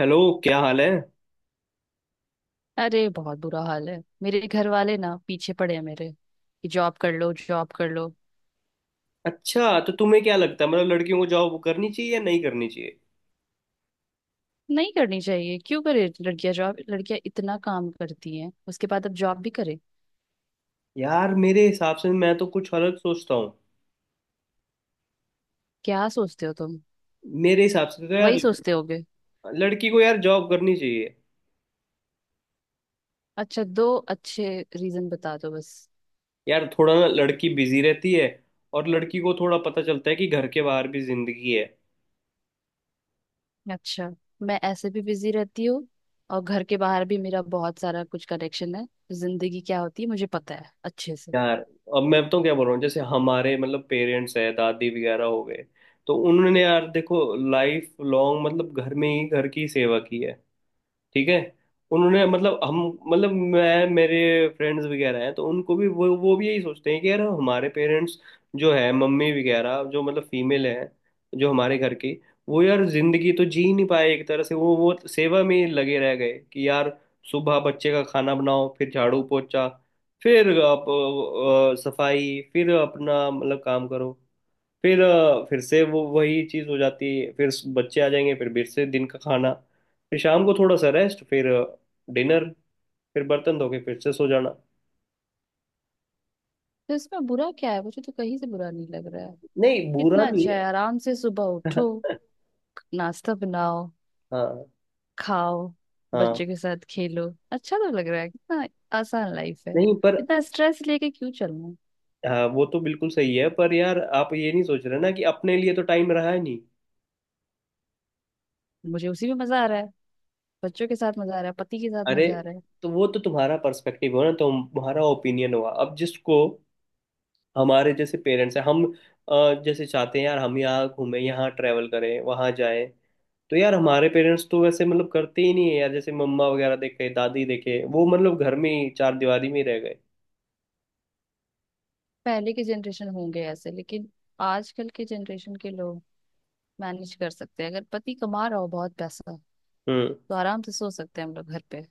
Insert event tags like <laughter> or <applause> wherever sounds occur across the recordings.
Hello. क्या हाल है? अरे बहुत बुरा हाल है, मेरे घर वाले ना पीछे पड़े हैं मेरे कि जॉब कर लो, जॉब कर लो। अच्छा, तो तुम्हें क्या लगता है, मतलब लड़कियों को जॉब करनी चाहिए या नहीं करनी चाहिए? नहीं करनी चाहिए, क्यों करे लड़कियां जॉब, लड़कियां इतना काम करती हैं उसके बाद अब जॉब भी करे। यार मेरे हिसाब से मैं तो कुछ अलग सोचता हूँ। क्या सोचते हो तुम? मेरे हिसाब से तो वही यार, सोचते होगे। लड़की को यार जॉब करनी चाहिए। अच्छा दो अच्छे रीजन बता दो बस। यार थोड़ा ना, लड़की बिजी रहती है। और लड़की को थोड़ा पता चलता है कि घर के बाहर भी जिंदगी है। अच्छा, मैं ऐसे भी बिजी रहती हूँ और घर के बाहर भी मेरा बहुत सारा कुछ कनेक्शन है, जिंदगी क्या होती है मुझे पता है अच्छे से। यार अब मैं तो क्या बोल रहा हूँ, जैसे हमारे मतलब पेरेंट्स है, दादी वगैरह हो गए, तो उन्होंने यार देखो, लाइफ लॉन्ग मतलब घर में ही घर की सेवा की है। ठीक है। उन्होंने मतलब हम, मतलब मैं मेरे फ्रेंड्स वगैरह हैं, तो उनको भी वो भी यही सोचते हैं कि यार हमारे पेरेंट्स जो है, मम्मी वगैरह जो मतलब फीमेल है, जो हमारे घर की, वो यार जिंदगी तो जी नहीं पाए एक तरह से, वो सेवा में ही लगे रह गए कि यार सुबह बच्चे का खाना बनाओ, फिर झाड़ू पोछा, फिर आप सफाई, फिर अपना मतलब काम करो, फिर से वो वही चीज़ हो जाती है, फिर बच्चे आ जाएंगे, फिर से दिन का खाना, फिर शाम को थोड़ा सा रेस्ट, फिर डिनर, फिर बर्तन धो के फिर से सो जाना। तो इसमें बुरा क्या है? मुझे तो कहीं से बुरा नहीं लग रहा है। नहीं, बुरा कितना नहीं अच्छा है। है, आराम से सुबह उठो, <laughs> नाश्ता बनाओ, हाँ। खाओ, हाँ। बच्चों के साथ खेलो, अच्छा तो लग रहा है कितना। आसान लाइफ है, नहीं पर। इतना स्ट्रेस लेके क्यों चलना है। हाँ, वो तो बिल्कुल सही है, पर यार आप ये नहीं सोच रहे ना कि अपने लिए तो टाइम रहा ही नहीं। मुझे उसी में मजा आ रहा है, बच्चों के साथ मजा आ रहा है, पति के साथ अरे, मजा आ रहा है। तो वो तो तुम्हारा पर्सपेक्टिव हो ना, तो तुम्हारा ओपिनियन हुआ। अब जिसको हमारे जैसे पेरेंट्स हैं हम, जैसे चाहते हैं यार हम, यहाँ घूमें, यहाँ ट्रैवल करें, वहाँ जाएं, तो यार हमारे पेरेंट्स तो वैसे मतलब करते ही नहीं है यार, जैसे मम्मा वगैरह देखे, दादी देखे, वो मतलब घर में ही चार दीवारी में ही रह गए। पहले के जनरेशन होंगे ऐसे, लेकिन आजकल के जनरेशन के लोग मैनेज कर सकते हैं। अगर पति कमा रहा हो बहुत पैसा, हम्म। तो आराम से सो सकते हैं हम लोग घर पे।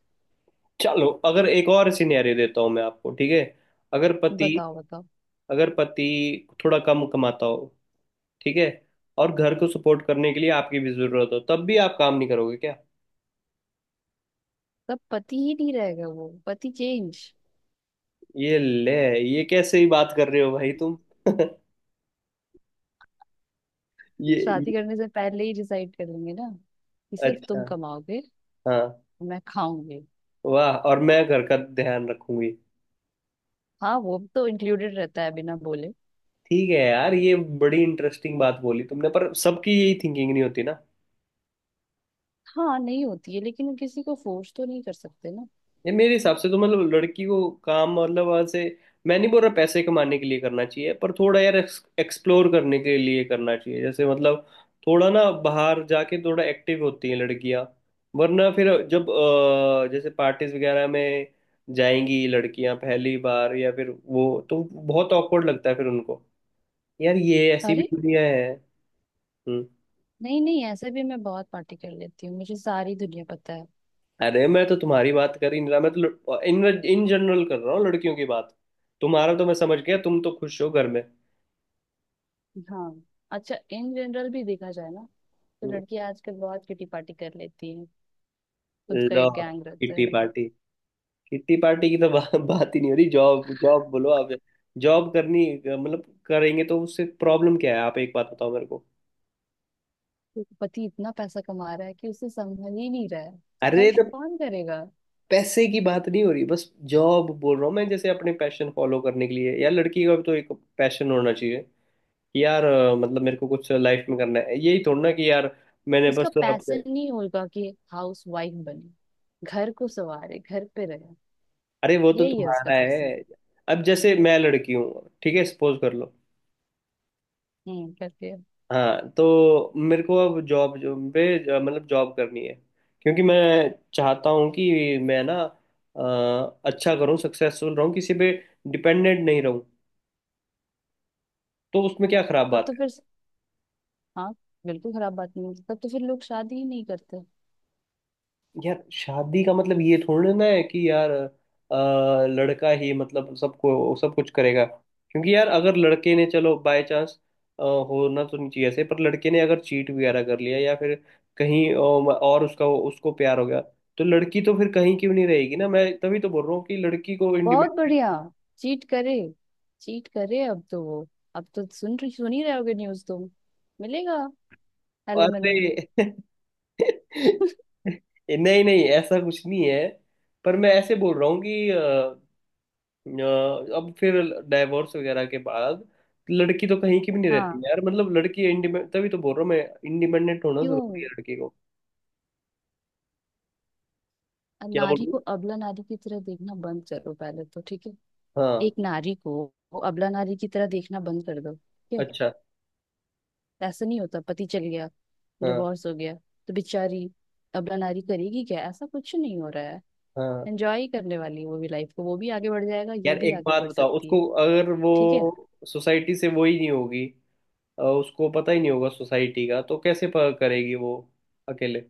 चलो अगर एक और सिनेरियो देता हूँ मैं आपको, ठीक है? अगर पति, बताओ बताओ। अगर पति थोड़ा कम कमाता हो, ठीक है, और घर को सपोर्ट करने के लिए आपकी भी जरूरत हो, तब भी आप काम नहीं करोगे क्या? तब पति ही नहीं रहेगा, वो पति चेंज। ये ले। ये कैसे ही बात कर रहे हो भाई तुम? <laughs> शादी ये करने से पहले ही डिसाइड कर लेंगे ना कि सिर्फ तुम अच्छा। कमाओगे, हाँ। मैं खाऊंगी। वाह, और मैं घर का ध्यान रखूंगी। हाँ वो तो इंक्लूडेड रहता है बिना बोले। ठीक है यार, ये बड़ी इंटरेस्टिंग बात बोली तुमने, पर सबकी यही थिंकिंग नहीं होती ना। हाँ नहीं होती है, लेकिन किसी को फोर्स तो नहीं कर सकते ना। ये मेरे हिसाब से तो मतलब लड़की को काम, मतलब ऐसे मैं नहीं बोल रहा पैसे कमाने के लिए करना चाहिए, पर थोड़ा यार एक्सप्लोर करने के लिए करना चाहिए, जैसे मतलब थोड़ा ना बाहर जाके थोड़ा एक्टिव होती हैं लड़कियां। वरना फिर जब जैसे पार्टीज वगैरह में जाएंगी लड़कियां पहली बार या फिर, वो तो बहुत ऑकवर्ड लगता है फिर उनको, यार ये ऐसी भी अरे दुनिया है। हम्म। नहीं नहीं, ऐसे भी मैं बहुत पार्टी कर लेती हूँ, मुझे सारी दुनिया पता है। अरे, मैं तो तुम्हारी बात कर ही नहीं रहा, मैं तो इन इन जनरल कर रहा हूँ लड़कियों की बात। तुम्हारा तो मैं समझ गया, तुम तो खुश हो घर में। हाँ, अच्छा इन जनरल भी देखा जाए ना, तो हम्म। लड़की आजकल बहुत किटी पार्टी कर लेती है, खुद का लो, एक गैंग रहता किट्टी है। पार्टी। किट्टी पार्टी की तो बात ही नहीं हो रही। जॉब जॉब बोलो आप। जॉब करनी मतलब करेंगे तो उससे प्रॉब्लम क्या है? आप एक बात बताओ मेरे को। तो पति इतना पैसा कमा रहा है कि उसे संभल ही नहीं रहा है, तो अरे, खर्च तो कौन करेगा? पैसे की बात नहीं हो रही, बस जॉब बोल रहा हूँ मैं, जैसे अपने पैशन फॉलो करने के लिए यार, लड़की का भी तो एक पैशन होना चाहिए, कि यार मतलब मेरे को कुछ लाइफ में करना है, यही थोड़ा ना कि यार मैंने उसका बस अपने। पैसन नहीं होगा कि हाउस वाइफ बने, घर को सवारे, घर पे रहे, अरे वो तो यही है उसका तुम्हारा पैसन। है। अब जैसे मैं लड़की हूँ, ठीक है, सपोज कर लो। हम्म, करती है। हाँ, तो मेरे को अब जॉब जो पे, मतलब जॉब करनी है क्योंकि मैं चाहता हूँ कि मैं ना अच्छा करूँ, सक्सेसफुल रहूँ, किसी पे डिपेंडेंट नहीं रहूँ, तो उसमें क्या खराब तब बात? तो फिर, हाँ बिल्कुल खराब बात नहीं है, तब तो फिर लोग शादी ही नहीं करते। यार शादी का मतलब ये थोड़ी ना है कि यार लड़का ही मतलब सबको सब कुछ करेगा क्योंकि यार अगर लड़के ने, चलो बाय चांस होना तो नहीं चाहिए ऐसे, पर लड़के ने अगर चीट वगैरह कर लिया या फिर कहीं और उसका उसको प्यार हो गया, तो लड़की तो फिर कहीं क्यों नहीं रहेगी ना, मैं तभी तो बोल रहा हूँ कि लड़की को बहुत बढ़िया, इंडिपेंडेंट। चीट करे, चीट करे। अब तो वो, अब तो सुन रही, सुन ही रहे होगे न्यूज तुम। मिलेगा एलिमनी। <laughs> अरे <laughs> नहीं नहीं, ऐसा कुछ नहीं है। पर मैं ऐसे बोल रहा हूँ कि अ, अब फिर डाइवोर्स वगैरह के बाद लड़की तो कहीं की भी नहीं हाँ रहती यार। मतलब लड़की इंडिपेंडेंट, तभी तो बोल रहा हूँ मैं, इंडिपेंडेंट होना जरूरी क्यों? है लड़की को। क्या बोल नारी रही को हूँ। अबला नारी की तरह देखना बंद करो पहले, तो ठीक है। हाँ। एक नारी को वो अबला नारी की तरह देखना बंद कर दो, ठीक है। अच्छा। ऐसा नहीं होता पति चल गया, हाँ। डिवोर्स हो गया, तो बेचारी अबला नारी करेगी क्या? ऐसा कुछ नहीं हो रहा है। हाँ। एंजॉय करने वाली है वो भी लाइफ को, वो भी आगे बढ़ जाएगा, ये यार भी एक आगे बात बढ़ बताओ, सकती उसको है। अगर वो ठीक है। सोसाइटी से वो ही नहीं होगी, उसको पता ही नहीं होगा सोसाइटी का, तो कैसे करेगी वो अकेले?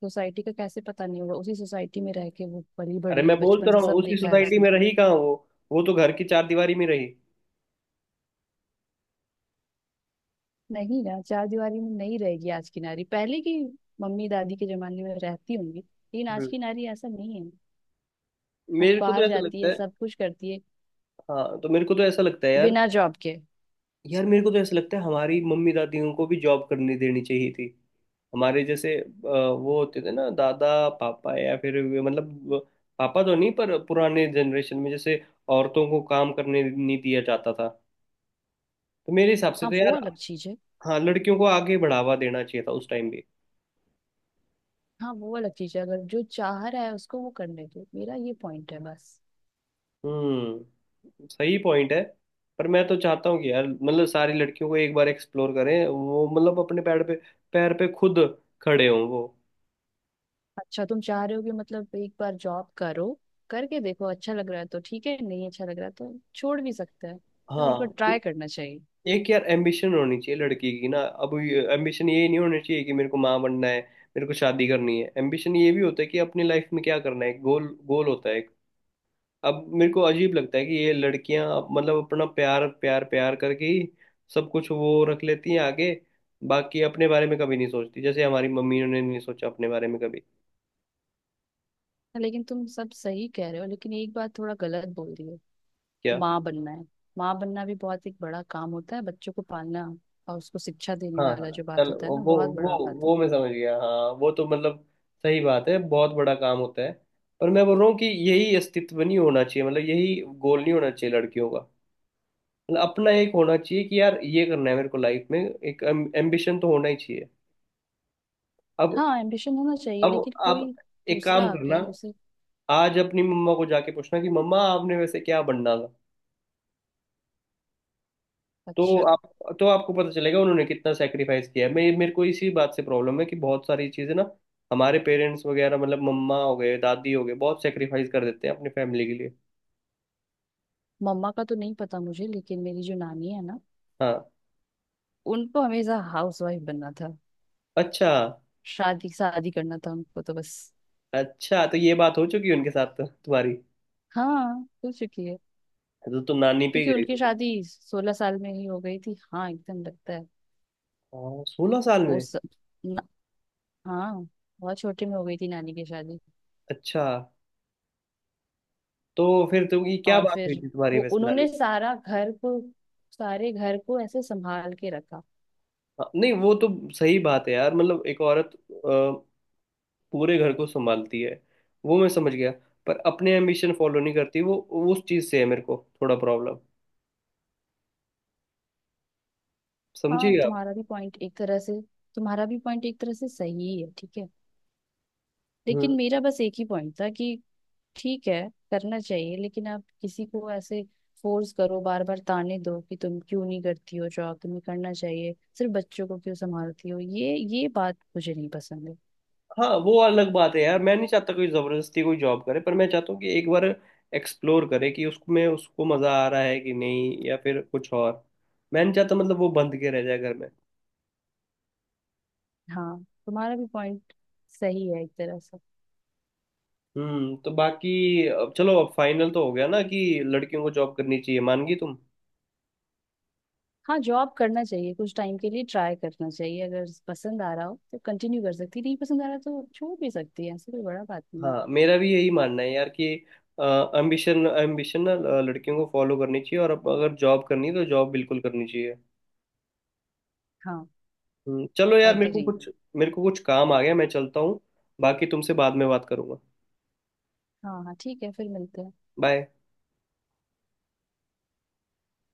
सोसाइटी का कैसे पता नहीं होगा? उसी सोसाइटी में रह के वो पली अरे बड़ी है, मैं बोल बचपन तो से रहा हूँ, सब उसी देखा है सोसाइटी उसने। में रही कहाँ वो? वो तो घर की चार दीवारी में रही। नहीं ना, चार दीवारी में नहीं रहेगी आज की नारी, पहले की मम्मी दादी के जमाने में रहती होंगी, लेकिन आज हम्म। की नारी ऐसा नहीं है। आज मेरे को तो बाहर ऐसा जाती लगता है, है। सब कुछ करती है, हाँ, तो मेरे को तो ऐसा लगता है यार, बिना जॉब के। यार मेरे को तो ऐसा लगता है हमारी मम्मी दादियों को भी जॉब करने देनी चाहिए थी, हमारे जैसे। वो होते थे ना दादा, पापा, या फिर पापा तो नहीं, पर पुराने जनरेशन में जैसे औरतों को काम करने नहीं दिया जाता था, तो मेरे हिसाब से हाँ तो वो यार, अलग चीज है। हाँ, लड़कियों को आगे बढ़ावा देना चाहिए था उस टाइम भी। हाँ वो अलग चीज है, अगर जो चाह रहा है उसको वो करने दो, मेरा ये पॉइंट है बस। हम्म, सही पॉइंट है। पर मैं तो चाहता हूँ कि यार मतलब सारी लड़कियों को एक बार एक्सप्लोर करें, वो मतलब अपने पैर पे, खुद खड़े हों वो। अच्छा, तुम चाह रहे हो कि मतलब एक बार जॉब करो, करके देखो, अच्छा लग रहा है तो ठीक है, नहीं अच्छा लग रहा है तो छोड़ भी सकते हैं, तब एक बार हाँ, ट्राई करना चाहिए। एक यार एम्बिशन होनी चाहिए लड़की की ना। अब एम्बिशन ये नहीं होना चाहिए कि मेरे को माँ बनना है, मेरे को शादी करनी है। एम्बिशन ये भी होता है कि अपनी लाइफ में क्या करना है, गोल, गोल होता है एक। अब मेरे को अजीब लगता है कि ये लड़कियां मतलब अपना प्यार प्यार प्यार करके ही सब कुछ वो रख लेती हैं आगे, बाकी अपने बारे में कभी नहीं सोचती, जैसे हमारी मम्मी ने नहीं सोचा अपने बारे में कभी। लेकिन तुम सब सही कह रहे हो, लेकिन एक बात थोड़ा गलत बोल रही हो। माँ बनना है, माँ बनना भी बहुत एक बड़ा काम होता है, बच्चों को पालना और उसको शिक्षा देने हाँ वाला हाँ। जो बात चल, होता है वो, ना, बहुत बड़ा वो बात है। वो मैं समझ गया। हाँ वो तो मतलब सही बात है, बहुत बड़ा काम होता है। पर मैं बोल रहा हूँ कि यही अस्तित्व नहीं होना चाहिए, मतलब यही गोल नहीं होना चाहिए लड़कियों का। मतलब अपना एक होना चाहिए कि यार ये करना है मेरे को लाइफ में, एक एम्बिशन तो होना ही चाहिए। अब हाँ एम्बिशन होना चाहिए, अब लेकिन कोई आप एक दूसरा काम करना, आके उसे। आज अपनी मम्मा को जाके पूछना कि मम्मा आपने वैसे क्या बनना था, तो अच्छा, आप तो आपको पता चलेगा उन्होंने कितना सेक्रीफाइस किया है। मैं, मेरे को इसी बात से प्रॉब्लम है कि बहुत सारी चीज़ें ना हमारे पेरेंट्स वगैरह मतलब मम्मा हो गए, दादी हो गए, बहुत सेक्रीफाइस कर देते हैं अपनी फैमिली के लिए। मम्मा का तो नहीं पता मुझे, लेकिन मेरी जो नानी है ना, हाँ। उनको हमेशा हाउस वाइफ बनना था, अच्छा। शादी शादी करना था उनको, तो बस। अच्छा, तो ये बात हो चुकी है उनके साथ तो तुम्हारी? हाँ, हो चुकी है। तो तुम नानी पे क्योंकि ही गई उनकी थी। शादी 16 साल में ही हो गई थी, हाँ एकदम लगता है। हाँ, 16 साल वो में। स... न... हाँ, बहुत छोटे में हो गई थी नानी की शादी। अच्छा। तो फिर तुम, ये क्या और बात हुई फिर थी तुम्हारी वो वैसे नानी? उन्होंने सारा घर को, सारे घर को ऐसे संभाल के रखा। हाँ, नहीं, वो तो सही बात है यार, मतलब एक औरत पूरे घर को संभालती है, वो मैं समझ गया, पर अपने एम्बिशन फॉलो नहीं करती वो, उस चीज से है मेरे को थोड़ा प्रॉब्लम, हाँ समझिएगा आप। तुम्हारा भी पॉइंट एक तरह से, तुम्हारा भी पॉइंट एक तरह से सही है, ठीक है। लेकिन हम्म। मेरा बस एक ही पॉइंट था कि ठीक है, करना चाहिए, लेकिन आप किसी को ऐसे फोर्स करो, बार बार ताने दो कि तुम क्यों नहीं करती हो जॉब, तुम्हें करना चाहिए, सिर्फ बच्चों को क्यों संभालती हो, ये बात मुझे नहीं पसंद है। हाँ वो अलग बात है यार, मैं नहीं चाहता कोई जबरदस्ती कोई जॉब करे, पर मैं चाहता हूँ कि एक बार एक्सप्लोर करे कि उसमें उसको मजा आ रहा है कि नहीं, या फिर कुछ और। मैं नहीं चाहता मतलब वो बंद के रह जाए घर में। हाँ तुम्हारा भी पॉइंट सही है एक तरह से। हम्म, तो बाकी अब चलो, अब फाइनल तो हो गया ना कि लड़कियों को जॉब करनी चाहिए, मान गई तुम? हाँ जॉब करना चाहिए, कुछ टाइम के लिए ट्राई करना चाहिए, अगर पसंद आ रहा हो तो कंटिन्यू कर सकती है, नहीं पसंद आ रहा तो छोड़ भी सकती है, ऐसी कोई बड़ा बात नहीं। हाँ, मेरा भी यही मानना है यार कि एम्बिशन, ना लड़कियों को फॉलो करनी चाहिए, और अब अगर जॉब करनी है तो जॉब बिल्कुल करनी चाहिए। हाँ, चलो यार, अग्री। मेरे को कुछ काम आ गया, मैं चलता हूँ। बाकी तुमसे बाद में बात करूंगा। हाँ हाँ ठीक है, फिर मिलते हैं। बाय।